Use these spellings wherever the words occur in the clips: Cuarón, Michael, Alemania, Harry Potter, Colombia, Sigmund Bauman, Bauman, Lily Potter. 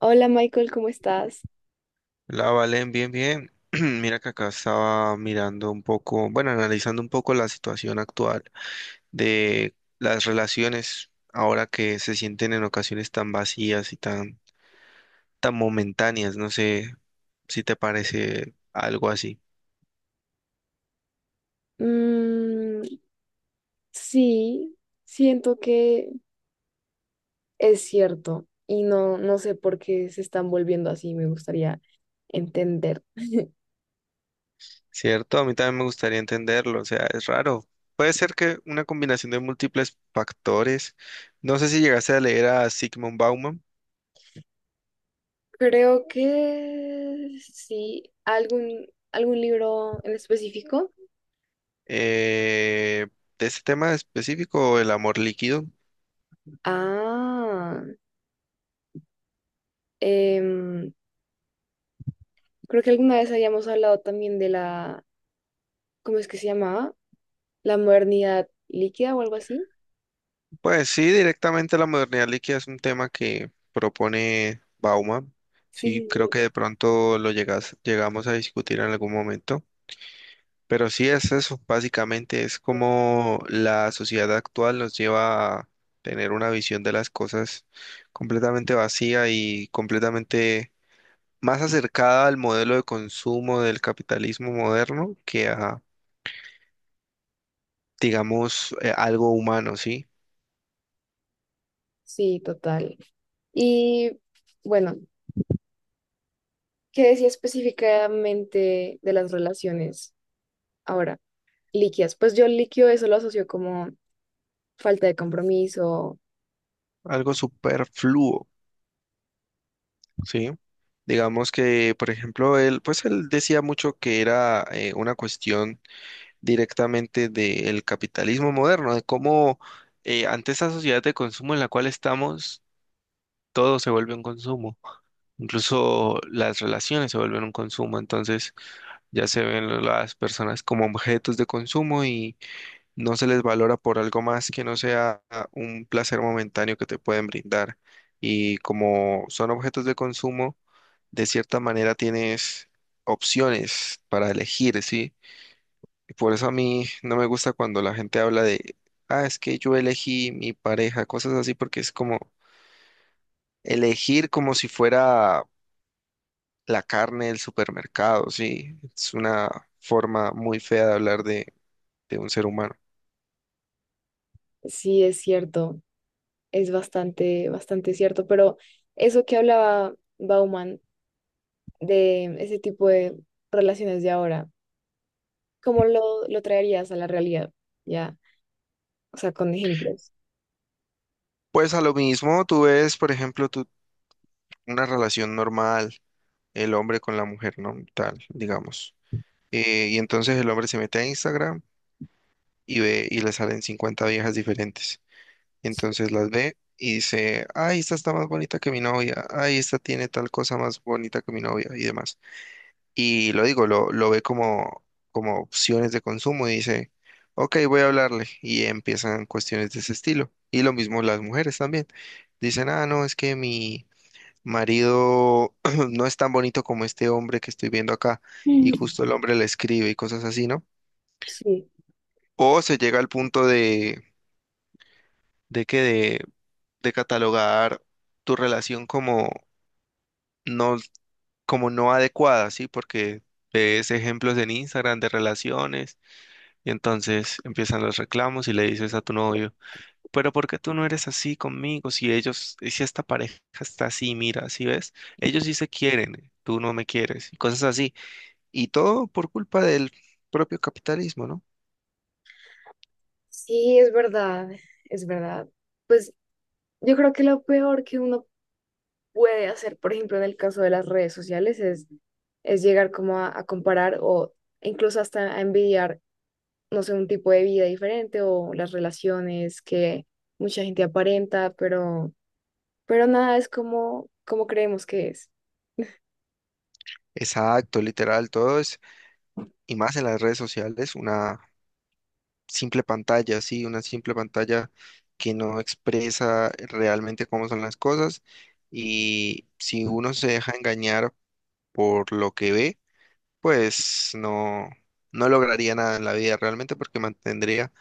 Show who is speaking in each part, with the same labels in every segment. Speaker 1: Hola Michael, ¿cómo estás?
Speaker 2: La Valen, bien, bien. Mira que acá estaba mirando un poco, bueno, analizando un poco la situación actual de las relaciones ahora que se sienten en ocasiones tan vacías y tan momentáneas. No sé si te parece algo así,
Speaker 1: Mm, sí, siento que es cierto y no, no sé por qué se están volviendo así, me gustaría entender.
Speaker 2: ¿cierto? A mí también me gustaría entenderlo, o sea, es raro. Puede ser que una combinación de múltiples factores. No sé si llegaste a leer a Sigmund Bauman
Speaker 1: Creo que sí, algún libro en específico.
Speaker 2: eh, de este tema específico, el amor líquido.
Speaker 1: Ah, em, creo que alguna vez habíamos hablado también de la, ¿cómo es que se llamaba? La modernidad líquida o algo así.
Speaker 2: Pues sí, directamente la modernidad líquida es un tema que propone Bauman.
Speaker 1: Sí, sí,
Speaker 2: Sí, creo
Speaker 1: sí,
Speaker 2: que de pronto llegamos a discutir en algún momento. Pero sí es eso, básicamente es como la sociedad actual nos lleva a tener una visión de las cosas completamente vacía y completamente más acercada al modelo de consumo del capitalismo moderno que a, digamos, algo humano, ¿sí?
Speaker 1: sí, total. Y bueno. ¿Qué decía específicamente de las relaciones ahora líquidas? Pues yo líquido eso lo asocio como falta de compromiso,
Speaker 2: Algo superfluo. Sí, digamos que, por ejemplo, él, pues él decía mucho que era una cuestión directamente del capitalismo moderno, de cómo ante esa sociedad de consumo en la cual estamos, todo se vuelve un consumo, incluso las relaciones se vuelven un consumo, entonces ya se ven las personas como objetos de consumo y no se les valora por algo más que no sea un placer momentáneo que te pueden brindar. Y como son objetos de consumo, de cierta manera tienes opciones para elegir, ¿sí? Y por eso a mí no me gusta cuando la gente habla de, ah, es que yo elegí mi pareja, cosas así, porque es como elegir como si fuera la carne del supermercado, ¿sí? Es una forma muy fea de hablar de un ser humano.
Speaker 1: sí es cierto, es bastante, bastante cierto, pero eso que hablaba Bauman de ese tipo de relaciones de ahora, ¿cómo lo traerías a la realidad? Ya, o sea, con ejemplos.
Speaker 2: Pues a lo mismo, tú ves, por ejemplo, una relación normal, el hombre con la mujer, ¿no? Tal, digamos. Y entonces el hombre se mete a Instagram y ve y le salen 50 viejas diferentes.
Speaker 1: Sí.
Speaker 2: Entonces las ve y dice, ay, esta está más bonita que mi novia, ay, esta tiene tal cosa más bonita que mi novia y demás. Y lo digo, lo ve como, como opciones de consumo y dice, ok, voy a hablarle. Y empiezan cuestiones de ese estilo. Y lo mismo las mujeres también. Dicen, ah, no, es que mi marido no es tan bonito como este hombre que estoy viendo acá. Y
Speaker 1: Mm.
Speaker 2: justo el hombre le escribe y cosas así, ¿no?
Speaker 1: Sí,
Speaker 2: O se llega al punto ¿de qué? De catalogar tu relación no, como no adecuada, ¿sí? Porque ves ejemplos en Instagram de relaciones y entonces empiezan los reclamos y le dices a tu novio, pero ¿por qué tú no eres así conmigo? Si ellos, si esta pareja está así, mira, ¿sí ves? Ellos sí se quieren, tú no me quieres, y cosas así. Y todo por culpa del propio capitalismo, ¿no?
Speaker 1: sí, es verdad, es verdad. Pues yo creo que lo peor que uno puede hacer, por ejemplo, en el caso de las redes sociales, es llegar como a comparar o incluso hasta a envidiar, no sé, un tipo de vida diferente o las relaciones que mucha gente aparenta, pero nada es como, como creemos que es.
Speaker 2: Exacto, literal, todo es, y más en las redes sociales, una simple pantalla, sí, una simple pantalla que no expresa realmente cómo son las cosas y si uno se deja engañar por lo que ve, pues no, no lograría nada en la vida realmente porque mantendría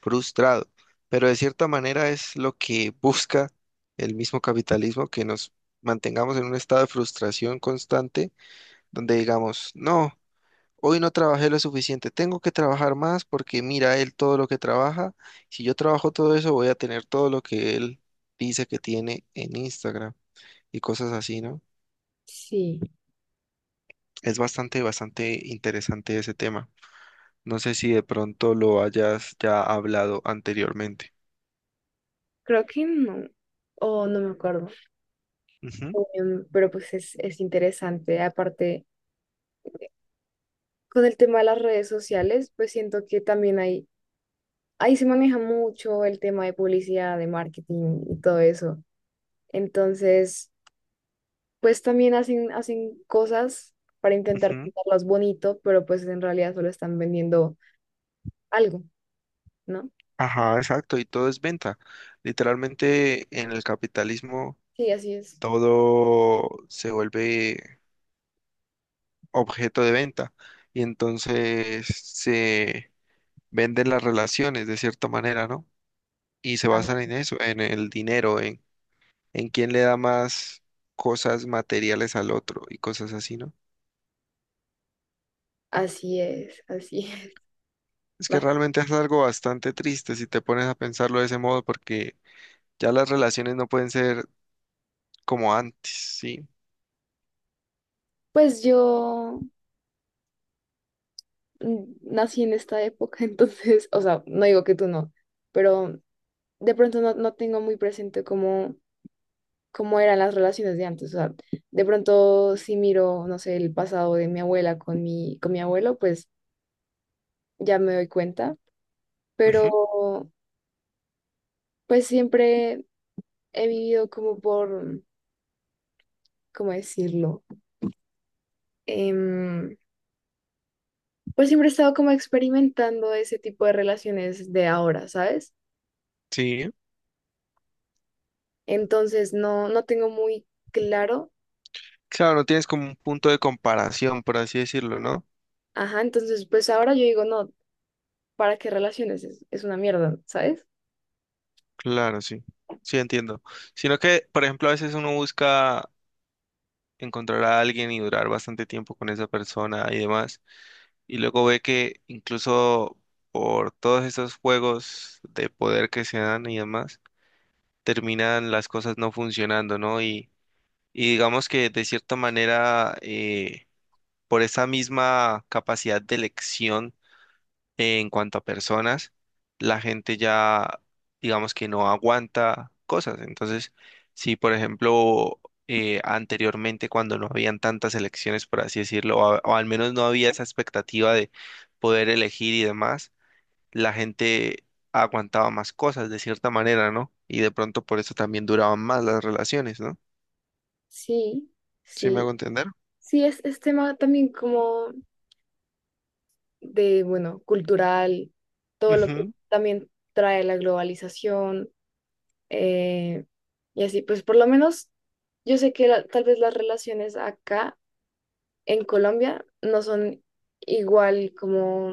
Speaker 2: frustrado. Pero de cierta manera es lo que busca el mismo capitalismo, que nos mantengamos en un estado de frustración constante donde digamos, no. Hoy no trabajé lo suficiente, tengo que trabajar más porque mira él todo lo que trabaja. Si yo trabajo todo eso, voy a tener todo lo que él dice que tiene en Instagram y cosas así, ¿no?
Speaker 1: Sí.
Speaker 2: Es bastante interesante ese tema. No sé si de pronto lo hayas ya hablado anteriormente.
Speaker 1: Creo que no, o no me acuerdo.
Speaker 2: Ujú,
Speaker 1: Pero pues es interesante. Aparte, con el tema de las redes sociales, pues siento que también hay, ahí se maneja mucho el tema de publicidad, de marketing y todo eso. Entonces, pues también hacen cosas para intentar
Speaker 2: ujú.
Speaker 1: pintarlas bonito, pero pues en realidad solo están vendiendo algo, ¿no?
Speaker 2: Ajá, exacto, y todo es venta. Literalmente en el capitalismo
Speaker 1: Sí, así es.
Speaker 2: todo se vuelve objeto de venta y entonces se venden las relaciones de cierta manera, ¿no? Y se basan
Speaker 1: Ah.
Speaker 2: en eso, en el dinero, en quién le da más cosas materiales al otro y cosas así, ¿no?
Speaker 1: Así es, así es.
Speaker 2: Es que
Speaker 1: Va.
Speaker 2: realmente es algo bastante triste si te pones a pensarlo de ese modo, porque ya las relaciones no pueden ser como antes, ¿sí?
Speaker 1: Pues yo nací en esta época, entonces, o sea, no digo que tú no, pero de pronto no, no tengo muy presente cómo, cómo eran las relaciones de antes. O sea, de pronto si miro, no sé, el pasado de mi abuela con con mi abuelo, pues ya me doy cuenta,
Speaker 2: Ujú.
Speaker 1: pero pues siempre he vivido como por, ¿cómo decirlo? Em, pues siempre he estado como experimentando ese tipo de relaciones de ahora, ¿sabes?
Speaker 2: Sí.
Speaker 1: Entonces no, no tengo muy claro.
Speaker 2: Claro, no tienes como un punto de comparación, por así decirlo, ¿no?
Speaker 1: Ajá, entonces pues ahora yo digo, no, ¿para qué relaciones? Es una mierda, ¿sabes?
Speaker 2: Claro, sí. Sí, entiendo. Sino que, por ejemplo, a veces uno busca encontrar a alguien y durar bastante tiempo con esa persona y demás. Y luego ve que incluso por todos estos juegos de poder que se dan y demás, terminan las cosas no funcionando, ¿no? Y digamos que de cierta manera, por esa misma capacidad de elección, en cuanto a personas, la gente ya, digamos que no aguanta cosas. Entonces, si por ejemplo, anteriormente cuando no habían tantas elecciones, por así decirlo, o, o al menos no había esa expectativa de poder elegir y demás, la gente aguantaba más cosas de cierta manera, ¿no? Y de pronto por eso también duraban más las relaciones, ¿no?
Speaker 1: Sí,
Speaker 2: ¿Sí me
Speaker 1: sí.
Speaker 2: hago entender?
Speaker 1: Sí, es tema también como de, bueno, cultural, todo lo que
Speaker 2: Ujú.
Speaker 1: también trae la globalización, eh, y así, pues por lo menos yo sé que tal vez las relaciones acá en Colombia no son igual como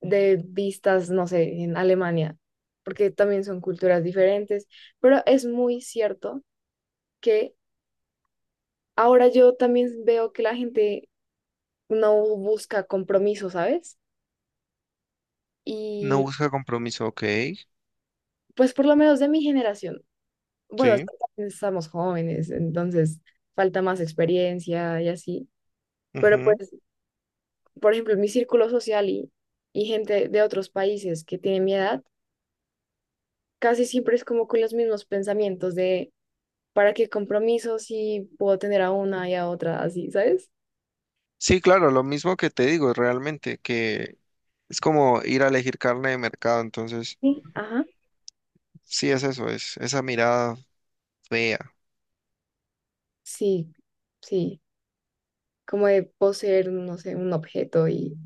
Speaker 1: de vistas, no sé, en Alemania, porque también son culturas diferentes, pero es muy cierto que ahora yo también veo que la gente no busca compromiso, ¿sabes?
Speaker 2: No
Speaker 1: Y
Speaker 2: busca compromiso, ok.
Speaker 1: pues por lo menos de mi generación, bueno,
Speaker 2: Sí.
Speaker 1: estamos jóvenes, entonces falta más experiencia y así. Pero pues
Speaker 2: Ujú.
Speaker 1: por ejemplo, en mi círculo social y gente de otros países que tienen mi edad, casi siempre es como con los mismos pensamientos de para qué compromiso si puedo tener a una y a otra así, ¿sabes?
Speaker 2: Sí, claro, lo mismo que te digo, realmente, que es como ir a elegir carne de mercado, entonces,
Speaker 1: Sí. Ajá,
Speaker 2: sí es eso, es esa mirada fea.
Speaker 1: sí, sí, como de poseer, no sé, un objeto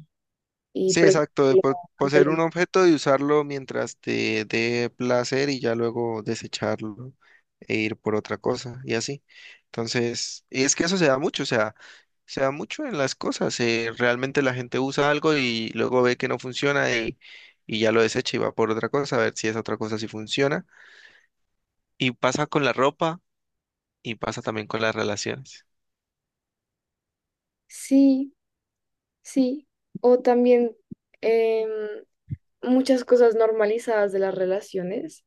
Speaker 1: y
Speaker 2: Sí, exacto, de
Speaker 1: preferirlo ante
Speaker 2: poseer un objeto y usarlo mientras te dé placer y ya luego desecharlo e ir por otra cosa y así. Entonces, y es que eso se da mucho, o sea, se da mucho en las cosas, realmente la gente usa algo y luego ve que no funciona y ya lo desecha y va por otra cosa, a ver si esa otra cosa sí funciona. Y pasa con la ropa y pasa también con las relaciones.
Speaker 1: sí, sí, o también em, muchas cosas normalizadas de las relaciones,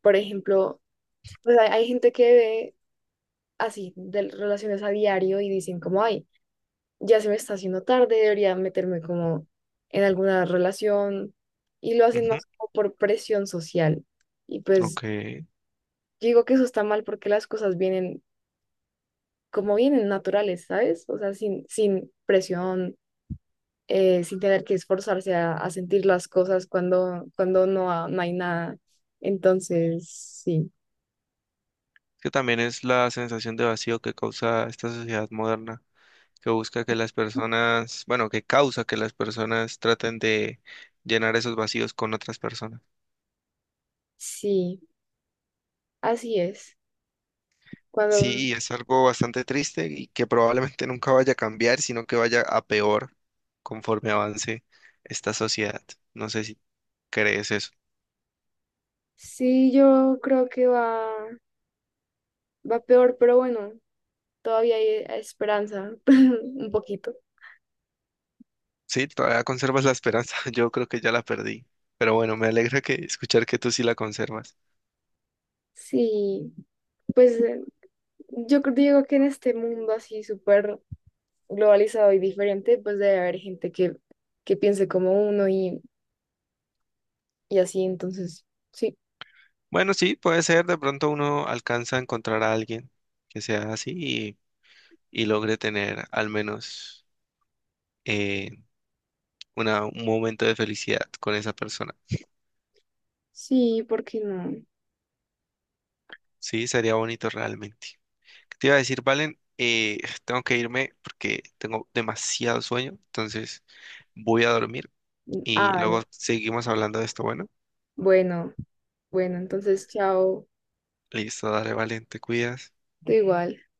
Speaker 1: por ejemplo, pues hay gente que ve así de relaciones a diario y dicen como, ay, ya se me está haciendo tarde, debería meterme como en alguna relación y lo hacen
Speaker 2: Ujú.
Speaker 1: más como por presión social. Y pues
Speaker 2: Ok.
Speaker 1: digo que eso está mal porque las cosas vienen como vienen naturales, ¿sabes? O sea, sin, sin presión, sin tener que esforzarse a sentir las cosas cuando, cuando no, no hay nada. Entonces, sí,
Speaker 2: Que también es la sensación de vacío que causa esta sociedad moderna, que busca que las personas, bueno, que causa que las personas traten de llenar esos vacíos con otras personas.
Speaker 1: sí, así es. Cuando
Speaker 2: Sí, y es algo bastante triste y que probablemente nunca vaya a cambiar, sino que vaya a peor conforme avance esta sociedad. No sé si crees eso.
Speaker 1: sí, yo creo que va va peor, pero bueno, todavía hay esperanza, un poquito.
Speaker 2: Sí, todavía conservas la esperanza. Yo creo que ya la perdí. Pero bueno, me alegra que escuchar que tú sí la conservas.
Speaker 1: Sí, pues yo digo que en este mundo así súper globalizado y diferente, pues debe haber gente que piense como uno y así, entonces, sí,
Speaker 2: Bueno, sí, puede ser. De pronto uno alcanza a encontrar a alguien que sea así y logre tener al menos eh, un momento de felicidad con esa persona.
Speaker 1: sí, ¿por qué no?
Speaker 2: Sí, sería bonito realmente. ¿Qué te iba a decir, Valen? Tengo que irme porque tengo demasiado sueño. Entonces voy a dormir y
Speaker 1: Ah,
Speaker 2: luego
Speaker 1: vale.
Speaker 2: seguimos hablando de esto. Bueno,
Speaker 1: Bueno, bueno, entonces, chao,
Speaker 2: listo, dale, Valen, te cuidas.
Speaker 1: tú igual.